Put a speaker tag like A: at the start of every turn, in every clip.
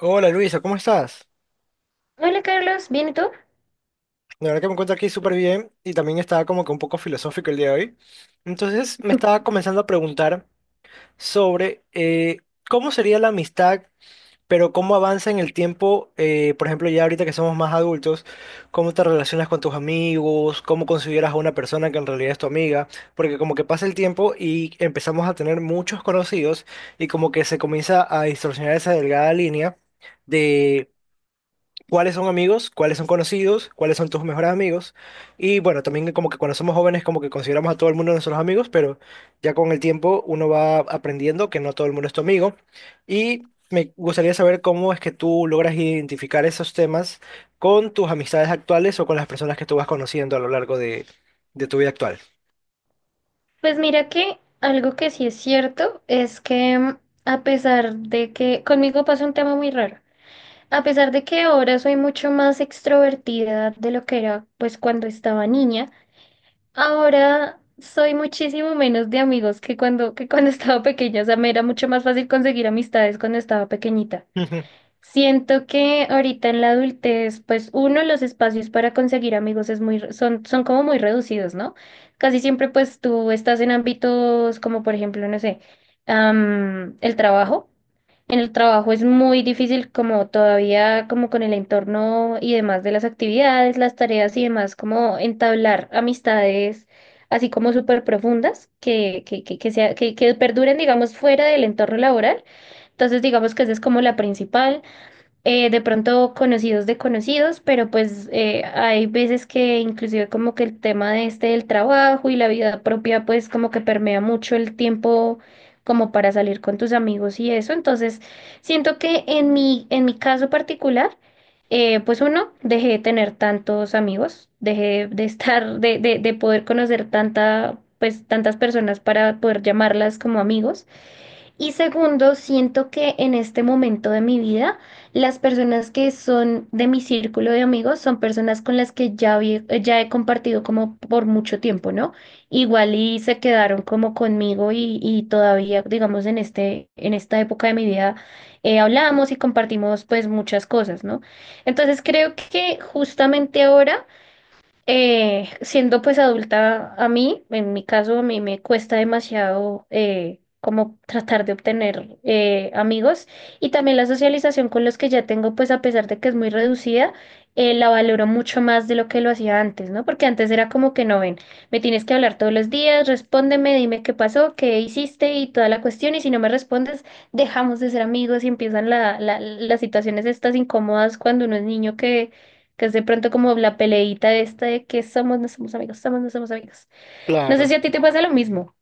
A: Hola Luisa, ¿cómo estás?
B: Hola Carlos, ¿bien y tú?
A: La verdad que me encuentro aquí súper bien y también estaba como que un poco filosófico el día de hoy. Entonces me estaba comenzando a preguntar sobre cómo sería la amistad, pero cómo avanza en el tiempo, por ejemplo, ya ahorita que somos más adultos, cómo te relacionas con tus amigos, cómo consideras a una persona que en realidad es tu amiga, porque como que pasa el tiempo y empezamos a tener muchos conocidos y como que se comienza a distorsionar esa delgada línea. Cuáles son amigos, cuáles son conocidos, cuáles son tus mejores amigos. Y bueno, también como que cuando somos jóvenes como que consideramos a todo el mundo nuestros amigos, pero ya con el tiempo uno va aprendiendo que no todo el mundo es tu amigo. Y me gustaría saber cómo es que tú logras identificar esos temas con tus amistades actuales o con las personas que tú vas conociendo a lo largo de tu vida actual.
B: Pues mira que algo que sí es cierto es que a pesar de que conmigo pasa un tema muy raro, a pesar de que ahora soy mucho más extrovertida de lo que era pues cuando estaba niña, ahora soy muchísimo menos de amigos que cuando estaba pequeña, o sea, me era mucho más fácil conseguir amistades cuando estaba pequeñita.
A: Ujú.
B: Siento que ahorita en la adultez, pues uno, los espacios para conseguir amigos es muy, son como muy reducidos, ¿no? Casi siempre pues tú estás en ámbitos como por ejemplo, no sé, el trabajo. En el trabajo es muy difícil como todavía como con el entorno y demás de las actividades, las tareas y demás, como entablar amistades así como súper profundas que, sea- que perduren digamos fuera del entorno laboral. Entonces digamos que esa es como la principal de pronto conocidos de conocidos, pero pues hay veces que inclusive como que el tema de este del trabajo y la vida propia pues como que permea mucho el tiempo como para salir con tus amigos y eso. Entonces, siento que en mi caso particular, pues uno, dejé de tener tantos amigos, dejé de poder conocer pues tantas personas para poder llamarlas como amigos. Y segundo, siento que en este momento de mi vida, las personas que son de mi círculo de amigos son personas con las que ya, ya he compartido como por mucho tiempo, ¿no? Igual y se quedaron como conmigo y todavía, digamos, en esta época de mi vida hablamos y compartimos pues muchas cosas, ¿no? Entonces creo que justamente ahora siendo pues adulta, a mí, en mi caso, a mí me cuesta demasiado como tratar de obtener amigos y también la socialización con los que ya tengo, pues a pesar de que es muy reducida, la valoro mucho más de lo que lo hacía antes, ¿no? Porque antes era como que no ven, me tienes que hablar todos los días, respóndeme, dime qué pasó, qué hiciste y toda la cuestión y si no me respondes, dejamos de ser amigos y empiezan las situaciones estas incómodas cuando uno es niño que es de pronto como la peleita esta de que somos, no somos amigos, somos, no somos amigos. No sé si
A: Claro.
B: a ti te pasa lo mismo.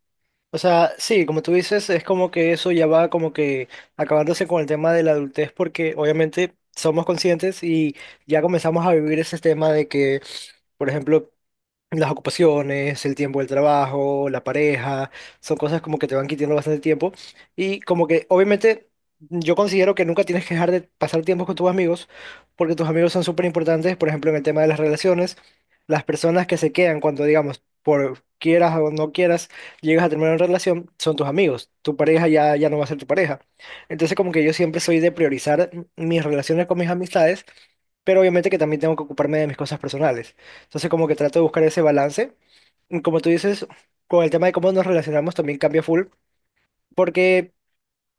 A: O sea, sí, como tú dices, es como que eso ya va como que acabándose con el tema de la adultez porque obviamente somos conscientes y ya comenzamos a vivir ese tema de que, por ejemplo, las ocupaciones, el tiempo del trabajo, la pareja, son cosas como que te van quitando bastante tiempo y como que obviamente yo considero que nunca tienes que dejar de pasar tiempo con tus amigos porque tus amigos son súper importantes, por ejemplo, en el tema de las relaciones, las personas que se quedan cuando digamos, por quieras o no quieras, llegas a terminar una relación, son tus amigos, tu pareja ya no va a ser tu pareja. Entonces como que yo siempre soy de priorizar mis relaciones con mis amistades pero obviamente que también tengo que ocuparme de mis cosas personales. Entonces como que trato de buscar ese balance. Y como tú dices, con el tema de cómo nos relacionamos también cambia full, porque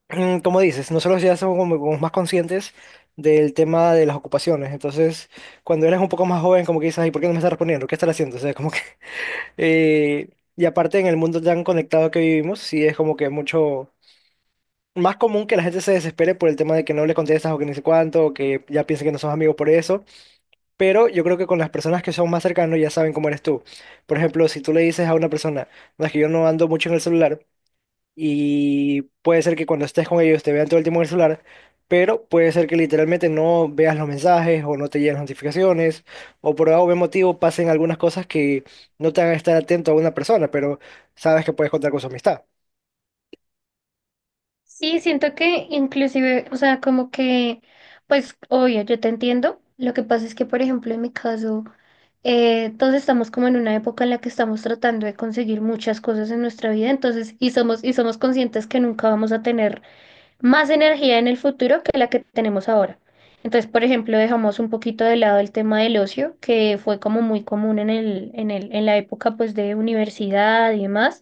A: como dices, nosotros ya somos como más conscientes del tema de las ocupaciones. Entonces, cuando eres un poco más joven, como que dices, ay, ¿por qué no me estás respondiendo? ¿Qué estás haciendo? O sea, como que... eh, y aparte, en el mundo tan conectado que vivimos, sí es como que mucho más común que la gente se desespere por el tema de que no le contestas o que ni sé cuánto, o que ya piensen que no somos amigos por eso. Pero yo creo que con las personas que son más cercanos ya saben cómo eres tú. Por ejemplo, si tú le dices a una persona, no es que yo no ando mucho en el celular, y puede ser que cuando estés con ellos te vean todo el tiempo en el celular, pero puede ser que literalmente no veas los mensajes o no te lleguen las notificaciones, o por algún motivo pasen algunas cosas que no te hagan estar atento a una persona, pero sabes que puedes contar con su amistad.
B: Sí, siento que inclusive, o sea, como que, pues, obvio, yo te entiendo. Lo que pasa es que, por ejemplo, en mi caso, todos estamos como en una época en la que estamos tratando de conseguir muchas cosas en nuestra vida, entonces, y somos conscientes que nunca vamos a tener más energía en el futuro que la que tenemos ahora. Entonces, por ejemplo, dejamos un poquito de lado el tema del ocio, que fue como muy común en la época pues de universidad y demás,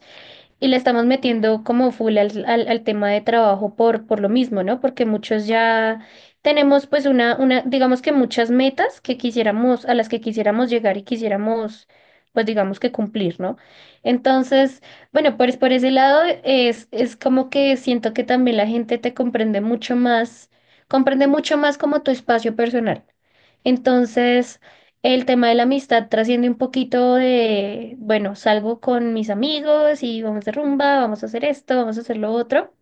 B: y le estamos metiendo como full al tema de trabajo por lo mismo, ¿no? Porque muchos ya tenemos pues una, digamos que muchas metas que quisiéramos, a las que quisiéramos llegar y quisiéramos, pues digamos que cumplir, ¿no? Entonces, bueno, pues por ese lado es como que siento que también la gente te comprende mucho más como tu espacio personal. Entonces, el tema de la amistad trasciende un poquito de, bueno, salgo con mis amigos y vamos de rumba, vamos a hacer esto, vamos a hacer lo otro.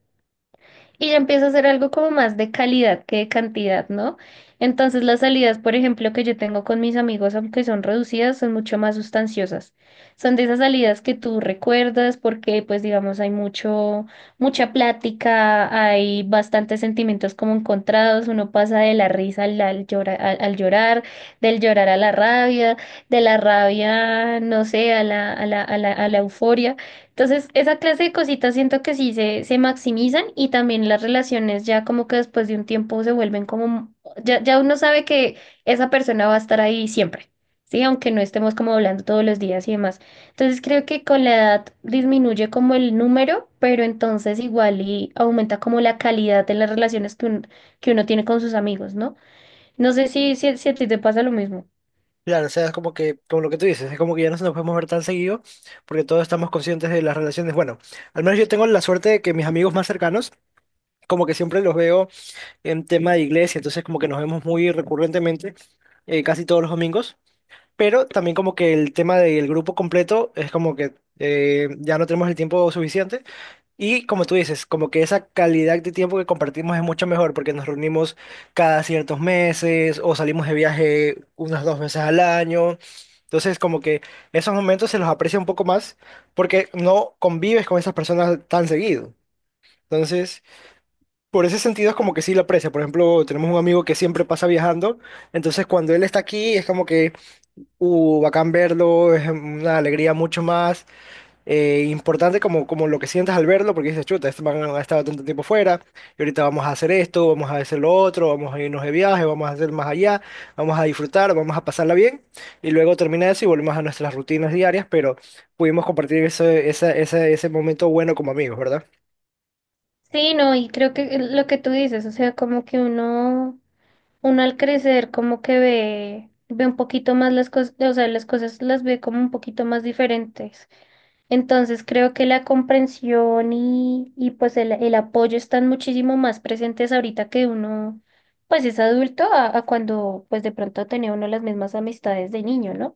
B: Y ya empieza a ser algo como más de calidad que de cantidad, ¿no? Entonces las salidas, por ejemplo, que yo tengo con mis amigos, aunque son reducidas, son mucho más sustanciosas. Son de esas salidas que tú recuerdas porque, pues, digamos, hay mucho, mucha plática, hay bastantes sentimientos como encontrados, uno pasa de la risa al llorar, del llorar a la rabia, de la rabia, no sé, a la euforia. Entonces, esa clase de cositas siento que se maximizan y también las relaciones ya como que después de un tiempo se vuelven como, ya uno sabe que esa persona va a estar ahí siempre, ¿sí? Aunque no estemos como hablando todos los días y demás. Entonces, creo que con la edad disminuye como el número, pero entonces igual y aumenta como la calidad de las relaciones que uno tiene con sus amigos, ¿no? No sé si a ti te pasa lo mismo.
A: Claro, o sea, es como que, como lo que tú dices, es como que ya no nos podemos ver tan seguido porque todos estamos conscientes de las relaciones. Bueno, al menos yo tengo la suerte de que mis amigos más cercanos como que siempre los veo en tema de iglesia, entonces como que nos vemos muy recurrentemente, casi todos los domingos, pero también como que el tema del grupo completo es como que ya no tenemos el tiempo suficiente y como tú dices, como que esa calidad de tiempo que compartimos es mucho mejor porque nos reunimos cada ciertos meses o salimos de viaje unas dos veces al año. Entonces, como que esos momentos se los aprecia un poco más porque no convives con esas personas tan seguido. Entonces, por ese sentido es como que sí lo aprecia. Por ejemplo, tenemos un amigo que siempre pasa viajando, entonces cuando él está aquí es como que, bacán verlo, es una alegría mucho más importante como, como lo que sientas al verlo, porque dices, chuta, este man ha estado tanto tiempo fuera, y ahorita vamos a hacer esto, vamos a hacer lo otro, vamos a irnos de viaje, vamos a hacer más allá, vamos a disfrutar, vamos a pasarla bien, y luego termina eso y volvemos a nuestras rutinas diarias, pero pudimos compartir ese, esa- ese ese momento bueno como amigos, ¿verdad?
B: Sí, no, y creo que lo que tú dices, o sea, como que uno... Uno al crecer como que ve un poquito más las cosas, o sea, las cosas las ve como un poquito más diferentes. Entonces creo que la comprensión y pues el apoyo están muchísimo más presentes ahorita que uno pues es adulto a cuando pues de pronto tenía uno las mismas amistades de niño, ¿no?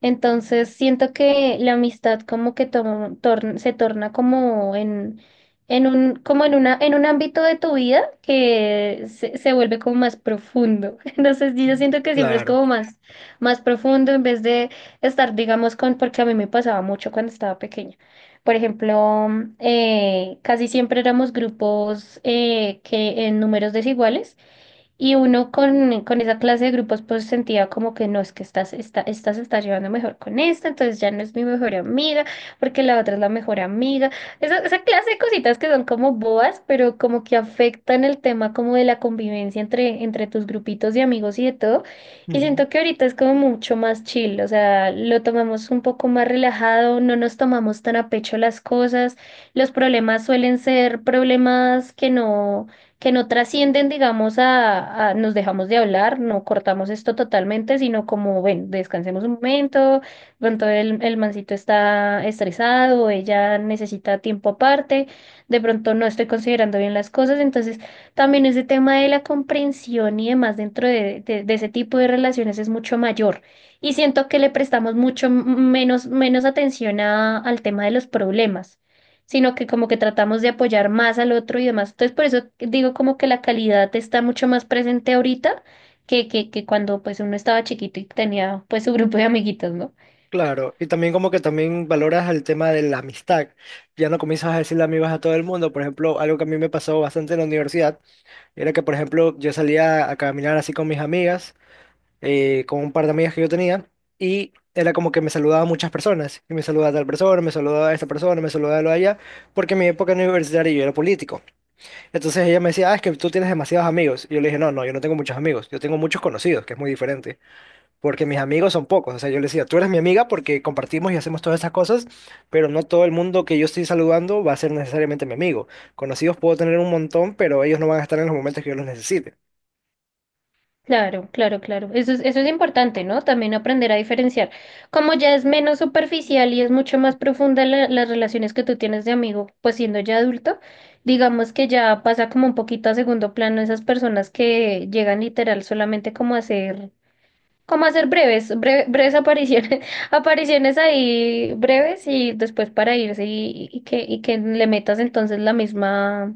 B: Entonces siento que la amistad como que se torna como en un, como en una, en un ámbito de tu vida que se vuelve como más profundo. Entonces yo siento que siempre es
A: Claro.
B: como más, más profundo en vez de estar, digamos, con, porque a mí me pasaba mucho cuando estaba pequeña. Por ejemplo, casi siempre éramos grupos que en números desiguales. Y uno con esa clase de grupos pues sentía como que no, es que esta se está llevando mejor con esta, entonces ya no es mi mejor amiga, porque la otra es la mejor amiga. Esa clase de cositas que son como boas, pero como que afectan el tema como de la convivencia entre tus grupitos de amigos y de todo. Y
A: Ujú.
B: siento que ahorita es como mucho más chill, o sea, lo tomamos un poco más relajado, no nos tomamos tan a pecho las cosas, los problemas suelen ser problemas que no trascienden, digamos, nos dejamos de hablar, no cortamos esto totalmente, sino como, ven, descansemos un momento, pronto el mancito está estresado, ella necesita tiempo aparte, de pronto no estoy considerando bien las cosas, entonces también ese tema de la comprensión y demás dentro de ese tipo de relaciones es mucho mayor. Y siento que le prestamos mucho menos atención al tema de los problemas sino que como que tratamos de apoyar más al otro y demás. Entonces, por eso digo como que la calidad está mucho más presente ahorita que cuando pues uno estaba chiquito y tenía pues su grupo de amiguitos, ¿no?
A: Claro, y también como que también valoras el tema de la amistad. Ya no comienzas a decirle amigos a todo el mundo. Por ejemplo, algo que a mí me pasó bastante en la universidad era que, por ejemplo, yo salía a caminar así con mis amigas, con un par de amigas que yo tenía, y era como que me saludaba muchas personas. Y me saludaba a tal persona, me saludaba a esta persona, me saludaba a lo de allá, porque en mi época universitaria yo era político. Entonces ella me decía, ah, es que tú tienes demasiados amigos. Y yo le dije, no, no, yo no tengo muchos amigos, yo tengo muchos conocidos, que es muy diferente porque mis amigos son pocos. O sea, yo les decía, tú eres mi amiga porque compartimos y hacemos todas esas cosas, pero no todo el mundo que yo estoy saludando va a ser necesariamente mi amigo. Conocidos puedo tener un montón, pero ellos no van a estar en los momentos que yo los necesite.
B: Claro, claro, claro. Eso es importante, ¿no? También aprender a diferenciar. Como ya es menos superficial y es mucho más profunda las relaciones que tú tienes de amigo, pues siendo ya adulto, digamos que ya pasa como un poquito a segundo plano esas personas que llegan literal solamente como a ser como hacer breves apariciones, apariciones ahí breves y después para irse y y que le metas entonces la misma.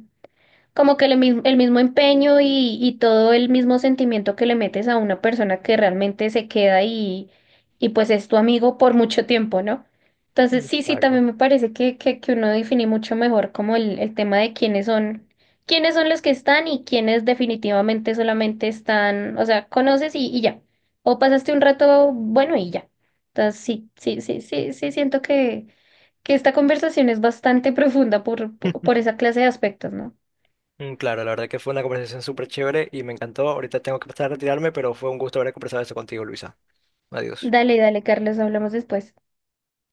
B: Como que el mismo empeño y todo el mismo sentimiento que le metes a una persona que realmente se queda y pues es tu amigo por mucho tiempo, ¿no? Entonces sí, sí,
A: Exacto.
B: también me parece que uno define mucho mejor como el tema de quiénes son los que están y quiénes definitivamente solamente están, o sea, conoces y ya. O pasaste un rato bueno y ya. Entonces sí, sí, sí, sí, sí, siento que esta conversación es bastante profunda por esa clase de aspectos, ¿no?
A: Mm, claro, la verdad que fue una conversación súper chévere y me encantó. Ahorita tengo que pasar a retirarme, pero fue un gusto haber conversado esto contigo, Luisa. Adiós.
B: Dale, dale, Carlos, hablamos después.